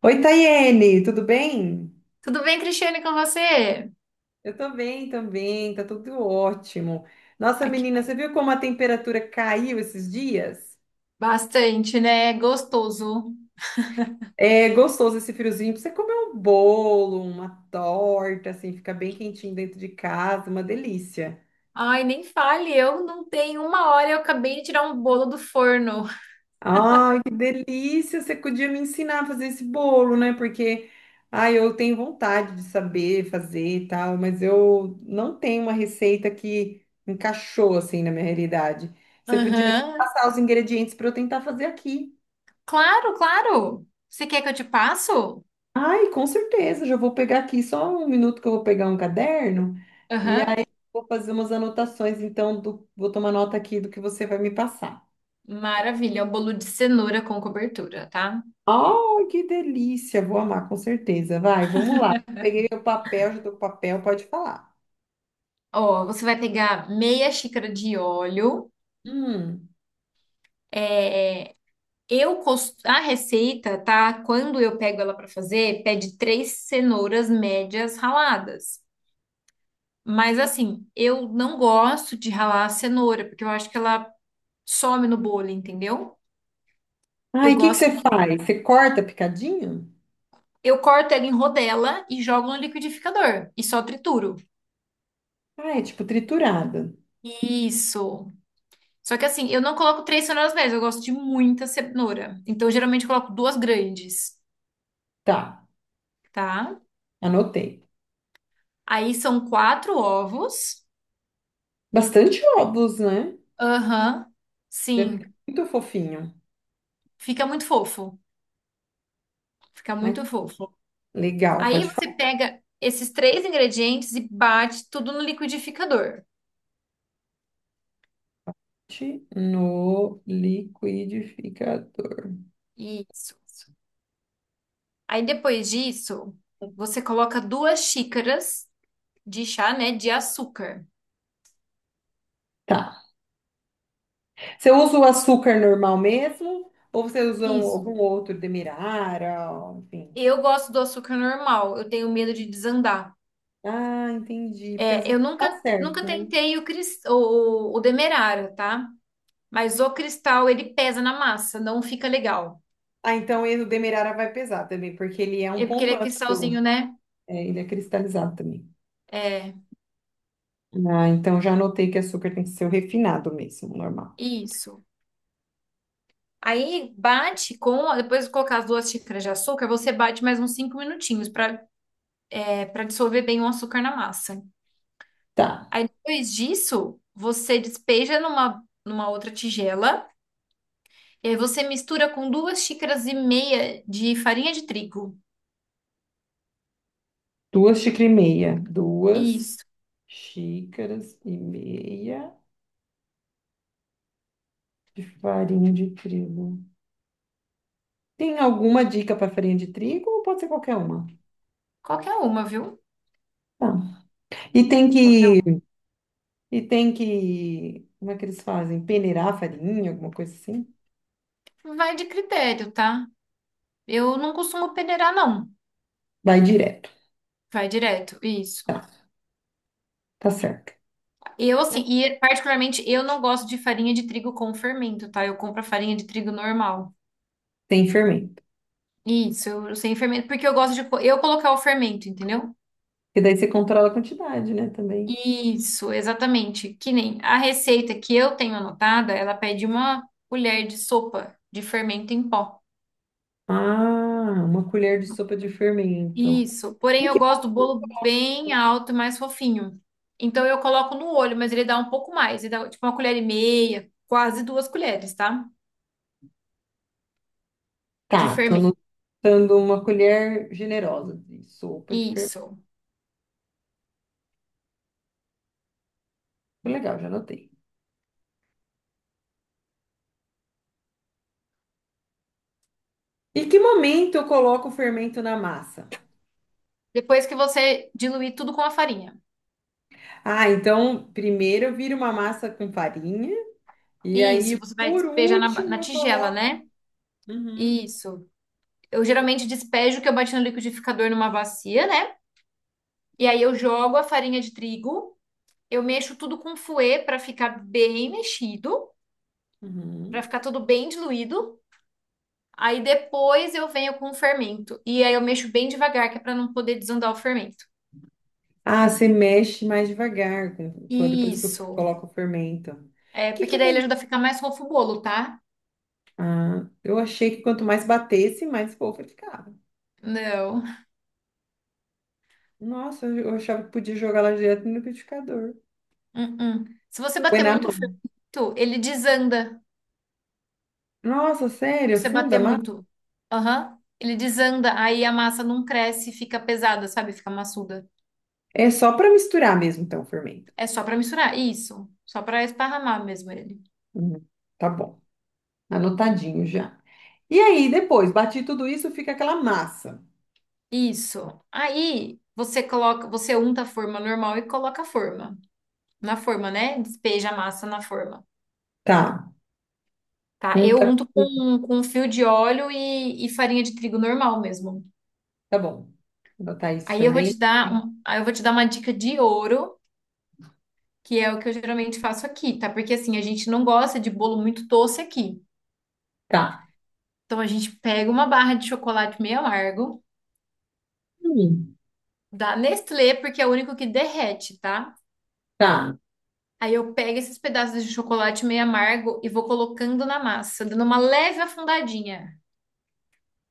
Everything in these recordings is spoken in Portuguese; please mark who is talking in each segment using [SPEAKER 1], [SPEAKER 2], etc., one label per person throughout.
[SPEAKER 1] Oi, Tayene, tudo bem?
[SPEAKER 2] Tudo bem, Cristiane, com você?
[SPEAKER 1] Eu tô bem também, tá tudo ótimo. Nossa,
[SPEAKER 2] Ai, que
[SPEAKER 1] menina, você viu como a temperatura caiu esses dias?
[SPEAKER 2] bastante, né? Gostoso.
[SPEAKER 1] É gostoso esse friozinho, pra você comer um bolo, uma torta, assim, fica bem quentinho dentro de casa, uma delícia.
[SPEAKER 2] Ai, nem fale, eu não tenho uma hora, eu acabei de tirar um bolo do forno.
[SPEAKER 1] Ai, que delícia! Você podia me ensinar a fazer esse bolo, né? Porque, ai, eu tenho vontade de saber fazer e tal, mas eu não tenho uma receita que encaixou assim na minha realidade. Você podia me
[SPEAKER 2] Aham.
[SPEAKER 1] passar os ingredientes para eu tentar fazer aqui.
[SPEAKER 2] Claro, claro. Você quer que eu te passo?
[SPEAKER 1] Ai, com certeza, já vou pegar aqui só um minuto que eu vou pegar um caderno,
[SPEAKER 2] Aham.
[SPEAKER 1] vou fazer umas anotações, vou tomar nota aqui do que você vai me passar.
[SPEAKER 2] Maravilha, é um bolo de cenoura com cobertura, tá?
[SPEAKER 1] Oh, que delícia! Vou amar, com certeza. Vai, vamos lá. Peguei o papel, já tô com o papel, pode falar.
[SPEAKER 2] Ó, você vai pegar meia xícara de óleo.
[SPEAKER 1] Hum.
[SPEAKER 2] É, a receita, tá? Quando eu pego ela para fazer, pede três cenouras médias raladas. Mas assim, eu não gosto de ralar a cenoura, porque eu acho que ela some no bolo, entendeu?
[SPEAKER 1] Ai,
[SPEAKER 2] Eu
[SPEAKER 1] o que que
[SPEAKER 2] gosto
[SPEAKER 1] você
[SPEAKER 2] de.
[SPEAKER 1] faz? Você corta picadinho?
[SPEAKER 2] Eu corto ela em rodela e jogo no liquidificador e só trituro.
[SPEAKER 1] Ah, é tipo triturada.
[SPEAKER 2] Isso. Só que assim, eu não coloco três cenouras médias, eu gosto de muita cenoura. Então, geralmente, eu coloco duas grandes,
[SPEAKER 1] Tá,
[SPEAKER 2] tá?
[SPEAKER 1] anotei.
[SPEAKER 2] Aí são quatro ovos.
[SPEAKER 1] Bastante ovos, né?
[SPEAKER 2] Aham.
[SPEAKER 1] Deve ficar
[SPEAKER 2] Sim.
[SPEAKER 1] muito fofinho.
[SPEAKER 2] Fica muito fofo. Fica
[SPEAKER 1] Ai,
[SPEAKER 2] muito fofo.
[SPEAKER 1] legal,
[SPEAKER 2] Aí
[SPEAKER 1] pode
[SPEAKER 2] você
[SPEAKER 1] falar.
[SPEAKER 2] pega esses três ingredientes e bate tudo no liquidificador.
[SPEAKER 1] No liquidificador.
[SPEAKER 2] Isso. Aí depois disso, você coloca duas xícaras de chá, né, de açúcar.
[SPEAKER 1] Tá. Você usa o açúcar normal mesmo? Ou algum
[SPEAKER 2] Isso.
[SPEAKER 1] outro demerara, ó, enfim?
[SPEAKER 2] Eu gosto do açúcar normal, eu tenho medo de desandar.
[SPEAKER 1] Ah, entendi. Porque às
[SPEAKER 2] É, eu
[SPEAKER 1] vezes tá
[SPEAKER 2] nunca, nunca
[SPEAKER 1] certo, né?
[SPEAKER 2] tentei o demerara, tá? Mas o cristal, ele pesa na massa, não fica legal.
[SPEAKER 1] Ah, então o Demerara vai pesar também, porque ele é um
[SPEAKER 2] É porque ele
[SPEAKER 1] ponto
[SPEAKER 2] é
[SPEAKER 1] antes do.
[SPEAKER 2] cristalzinho, né?
[SPEAKER 1] É, ele é cristalizado também.
[SPEAKER 2] É,
[SPEAKER 1] Ah, então já anotei que açúcar tem que ser o refinado mesmo, normal.
[SPEAKER 2] isso. Aí bate com, depois de colocar as duas xícaras de açúcar, você bate mais uns 5 minutinhos para dissolver bem o açúcar na massa.
[SPEAKER 1] Tá.
[SPEAKER 2] Aí depois disso, você despeja numa, numa outra tigela e aí você mistura com duas xícaras e meia de farinha de trigo.
[SPEAKER 1] Duas xícaras e meia. Duas
[SPEAKER 2] Isso.
[SPEAKER 1] xícaras e meia de farinha de trigo. Tem alguma dica para farinha de trigo ou pode ser qualquer uma?
[SPEAKER 2] Qualquer uma, viu?
[SPEAKER 1] Tá. E tem
[SPEAKER 2] Qualquer uma.
[SPEAKER 1] que. E tem que. Como é que eles fazem? Peneirar a farinha, alguma coisa assim?
[SPEAKER 2] Vai de critério, tá? Eu não costumo peneirar, não.
[SPEAKER 1] Vai direto.
[SPEAKER 2] Vai direto, isso.
[SPEAKER 1] Tá certo.
[SPEAKER 2] Eu, assim, e particularmente eu não gosto de farinha de trigo com fermento, tá? Eu compro a farinha de trigo normal.
[SPEAKER 1] Sem fermento.
[SPEAKER 2] Isso, eu, sem fermento, porque eu gosto eu colocar o fermento, entendeu?
[SPEAKER 1] E daí você controla a quantidade, né, também.
[SPEAKER 2] Isso, exatamente. Que nem a receita que eu tenho anotada, ela pede uma colher de sopa de fermento em pó.
[SPEAKER 1] Ah, uma colher de sopa de fermento.
[SPEAKER 2] Isso. Porém,
[SPEAKER 1] Em
[SPEAKER 2] eu
[SPEAKER 1] que
[SPEAKER 2] gosto do bolo bem alto e mais fofinho. Então, eu coloco no olho, mas ele dá um pouco mais. Ele dá tipo uma colher e meia, quase duas colheres, tá? De
[SPEAKER 1] tá? Tô
[SPEAKER 2] fermento.
[SPEAKER 1] anotando uma colher generosa de sopa de fermento.
[SPEAKER 2] Isso.
[SPEAKER 1] Legal, já anotei. Em que momento eu coloco o fermento na massa?
[SPEAKER 2] Depois que você diluir tudo com a farinha.
[SPEAKER 1] Ah, então primeiro eu viro uma massa com farinha e
[SPEAKER 2] Isso.
[SPEAKER 1] aí
[SPEAKER 2] Você vai
[SPEAKER 1] por
[SPEAKER 2] despejar na, ba-
[SPEAKER 1] último
[SPEAKER 2] na
[SPEAKER 1] eu
[SPEAKER 2] tigela, né?
[SPEAKER 1] coloco. Uhum,
[SPEAKER 2] Isso. Eu geralmente despejo o que eu bati no liquidificador numa bacia, né? E aí eu jogo a farinha de trigo, eu mexo tudo com fouet para ficar bem mexido, para
[SPEAKER 1] uhum.
[SPEAKER 2] ficar tudo bem diluído. Aí depois eu venho com o fermento. E aí eu mexo bem devagar, que é para não poder desandar o fermento.
[SPEAKER 1] Ah, você mexe mais devagar depois que eu
[SPEAKER 2] Isso.
[SPEAKER 1] coloco o fermento. O
[SPEAKER 2] É,
[SPEAKER 1] que que
[SPEAKER 2] porque daí ele
[SPEAKER 1] acontece?
[SPEAKER 2] ajuda a ficar mais fofo o bolo, tá?
[SPEAKER 1] Ah, eu achei que quanto mais batesse, mais fofa ficava.
[SPEAKER 2] Não.
[SPEAKER 1] Nossa, eu achava que podia jogar ela direto no liquidificador.
[SPEAKER 2] Uh-uh. Se você
[SPEAKER 1] Põe
[SPEAKER 2] bater
[SPEAKER 1] na
[SPEAKER 2] muito
[SPEAKER 1] mão.
[SPEAKER 2] fermento, ele desanda.
[SPEAKER 1] Nossa, sério?
[SPEAKER 2] Se você
[SPEAKER 1] Funda a
[SPEAKER 2] bater
[SPEAKER 1] massa?
[SPEAKER 2] muito, aham, ele desanda, aí a massa não cresce, fica pesada, sabe? Fica maçuda.
[SPEAKER 1] É só para misturar mesmo, então, o fermento.
[SPEAKER 2] É só para misturar, isso. Só para esparramar mesmo ele.
[SPEAKER 1] Hum, tá bom. Anotadinho já. E aí, depois, bati tudo isso, fica aquela massa.
[SPEAKER 2] Isso. Aí você coloca, você unta a forma normal e coloca a forma. Na forma, né? Despeja a massa na forma.
[SPEAKER 1] Tá.
[SPEAKER 2] Tá? Eu
[SPEAKER 1] Tá,
[SPEAKER 2] unto com um fio de óleo e farinha de trigo normal mesmo.
[SPEAKER 1] tá bom. Vou botar isso
[SPEAKER 2] Aí eu vou
[SPEAKER 1] também.
[SPEAKER 2] te dar um, aí eu vou te dar uma dica de ouro, que é o que eu geralmente faço aqui, tá? Porque assim, a gente não gosta de bolo muito doce aqui.
[SPEAKER 1] Tá.
[SPEAKER 2] Então a gente pega uma barra de chocolate meio amargo,
[SPEAKER 1] Hum,
[SPEAKER 2] da Nestlé, porque é o único que derrete, tá?
[SPEAKER 1] tá.
[SPEAKER 2] Aí eu pego esses pedaços de chocolate meio amargo e vou colocando na massa, dando uma leve afundadinha.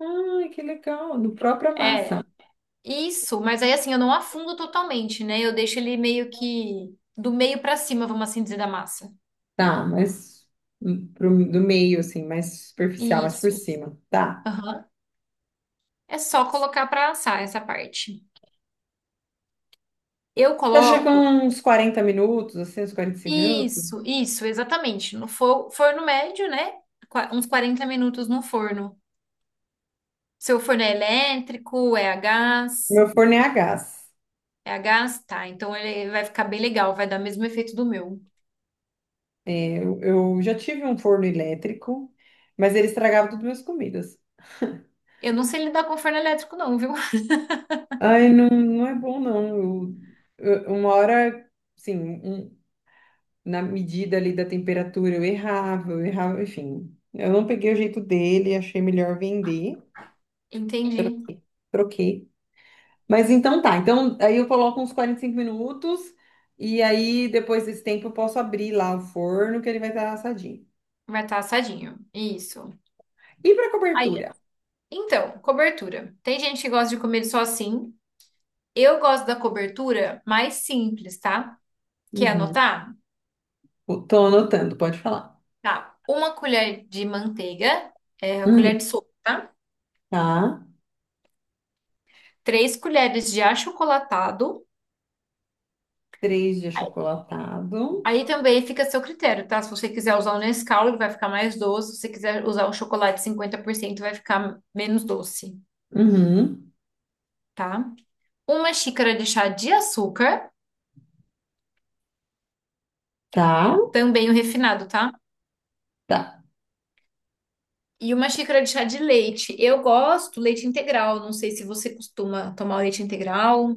[SPEAKER 1] Ai, que legal. No própria
[SPEAKER 2] É,
[SPEAKER 1] massa.
[SPEAKER 2] isso, mas aí assim, eu não afundo totalmente, né? Eu deixo ele meio que do meio pra cima, vamos assim dizer, da massa.
[SPEAKER 1] Tá, mas pro, do meio, assim, mais superficial, mais por
[SPEAKER 2] Isso.
[SPEAKER 1] cima. Tá.
[SPEAKER 2] Aham. É só colocar pra assar essa parte. Eu
[SPEAKER 1] Você acha que é
[SPEAKER 2] coloco.
[SPEAKER 1] uns 40 minutos, assim, uns 45 minutos?
[SPEAKER 2] Isso, exatamente. No forno médio, né? Uns 40 minutos no forno. Seu forno é elétrico, é a gás.
[SPEAKER 1] Meu forno é a gás.
[SPEAKER 2] É a gás? Tá, então ele vai ficar bem legal, vai dar o mesmo efeito do meu.
[SPEAKER 1] Eu já tive um forno elétrico, mas ele estragava todas as minhas comidas.
[SPEAKER 2] Eu não sei lidar com forno elétrico, não, viu?
[SPEAKER 1] Ai, não, não é bom, não. Uma hora, sim um- na medida ali da temperatura, eu errava, enfim. Eu não peguei o jeito dele, achei melhor vender.
[SPEAKER 2] Entendi.
[SPEAKER 1] Troquei. Troquei. Mas então tá, então aí eu coloco uns 45 minutos e aí depois desse tempo eu posso abrir lá o forno que ele vai estar assadinho.
[SPEAKER 2] Vai estar assadinho. Isso.
[SPEAKER 1] E para
[SPEAKER 2] Aí,
[SPEAKER 1] cobertura?
[SPEAKER 2] então, cobertura. Tem gente que gosta de comer só assim. Eu gosto da cobertura mais simples, tá? Quer
[SPEAKER 1] Uhum.
[SPEAKER 2] anotar?
[SPEAKER 1] Tô anotando, pode falar.
[SPEAKER 2] Tá. Uma colher de manteiga, é, a
[SPEAKER 1] Uhum.
[SPEAKER 2] colher de sopa, tá?
[SPEAKER 1] Tá.
[SPEAKER 2] Três colheres de achocolatado,
[SPEAKER 1] Três de achocolatado.
[SPEAKER 2] aí também fica a seu critério, tá? Se você quiser usar o Nescau, ele vai ficar mais doce. Se você quiser usar o chocolate 50%, vai ficar menos doce,
[SPEAKER 1] Uhum.
[SPEAKER 2] tá? Uma xícara de chá de açúcar,
[SPEAKER 1] Tá.
[SPEAKER 2] também o refinado, tá?
[SPEAKER 1] Tá.
[SPEAKER 2] E uma xícara de chá de leite. Eu gosto leite integral. Não sei se você costuma tomar leite integral.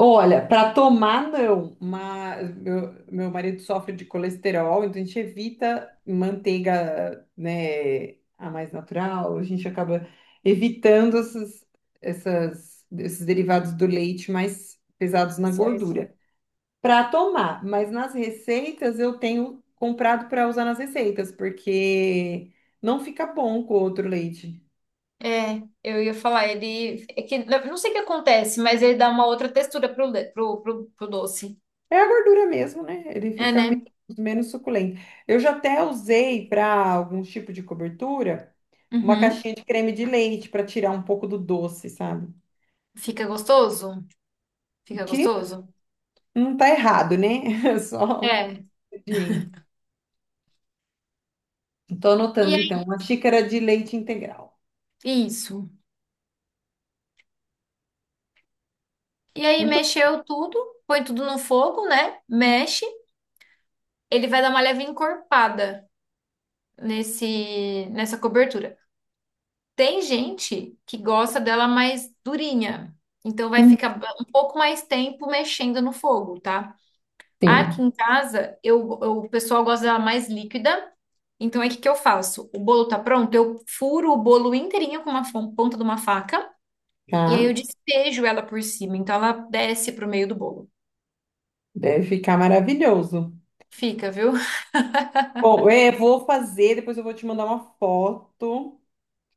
[SPEAKER 1] Olha, para tomar não, mas meu marido sofre de colesterol, então a gente evita manteiga, né, a mais natural, a gente acaba evitando esses derivados do leite mais pesados na
[SPEAKER 2] Certo.
[SPEAKER 1] gordura. Para tomar, mas nas receitas eu tenho comprado para usar nas receitas, porque não fica bom com outro leite.
[SPEAKER 2] É, eu ia falar, ele. É que, eu não sei o que acontece, mas ele dá uma outra textura pro, le- pro, pro, pro doce.
[SPEAKER 1] É a gordura mesmo, né? Ele
[SPEAKER 2] É,
[SPEAKER 1] fica
[SPEAKER 2] né?
[SPEAKER 1] menos suculento. Eu já até usei para algum tipo de cobertura uma
[SPEAKER 2] Uhum.
[SPEAKER 1] caixinha de creme de leite para tirar um pouco do doce, sabe?
[SPEAKER 2] Fica gostoso? Fica
[SPEAKER 1] Que
[SPEAKER 2] gostoso?
[SPEAKER 1] não tá errado, né? Só um
[SPEAKER 2] É.
[SPEAKER 1] pouquinho. Tô
[SPEAKER 2] E
[SPEAKER 1] anotando então,
[SPEAKER 2] aí,
[SPEAKER 1] uma xícara de leite integral.
[SPEAKER 2] isso. E aí
[SPEAKER 1] Muito
[SPEAKER 2] mexeu tudo, põe tudo no fogo, né? Mexe, ele vai dar uma leve encorpada nesse nessa cobertura. Tem gente que gosta dela mais durinha, então vai
[SPEAKER 1] bom.
[SPEAKER 2] ficar um pouco mais tempo mexendo no fogo, tá? Aqui
[SPEAKER 1] Sim,
[SPEAKER 2] em casa, o pessoal gosta dela mais líquida, então aí o que que eu faço? O bolo tá pronto, eu furo o bolo inteirinho com uma ponta de uma faca e aí
[SPEAKER 1] tá?
[SPEAKER 2] eu despejo ela por cima, então ela desce pro meio do bolo.
[SPEAKER 1] Deve ficar maravilhoso.
[SPEAKER 2] Fica, viu?
[SPEAKER 1] Bom, eu vou fazer, depois eu vou te mandar uma foto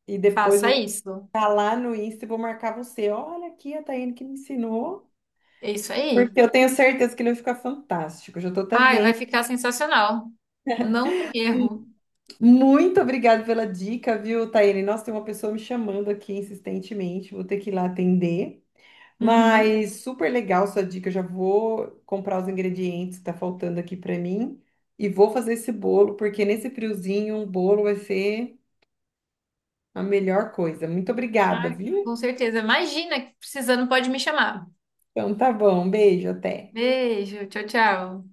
[SPEAKER 1] e depois
[SPEAKER 2] Faça isso.
[SPEAKER 1] tá lá no Insta, eu vou marcar você. Olha aqui a Taiane que me ensinou,
[SPEAKER 2] É isso
[SPEAKER 1] porque
[SPEAKER 2] aí.
[SPEAKER 1] eu tenho certeza que ele vai ficar fantástico. Já tô até
[SPEAKER 2] Ai, vai
[SPEAKER 1] vendo.
[SPEAKER 2] ficar sensacional. Não tem erro.
[SPEAKER 1] Muito obrigada pela dica, viu, Taiane? Nossa, tem uma pessoa me chamando aqui insistentemente, vou ter que ir lá atender.
[SPEAKER 2] Uhum.
[SPEAKER 1] Mas super legal sua dica, eu já vou comprar os ingredientes que tá faltando aqui para mim e vou fazer esse bolo, porque nesse friozinho um bolo vai ser a melhor coisa. Muito obrigada,
[SPEAKER 2] Ai, com
[SPEAKER 1] viu?
[SPEAKER 2] certeza. Imagina, precisando, pode me chamar.
[SPEAKER 1] Então tá bom, um beijo, até.
[SPEAKER 2] Beijo, tchau, tchau.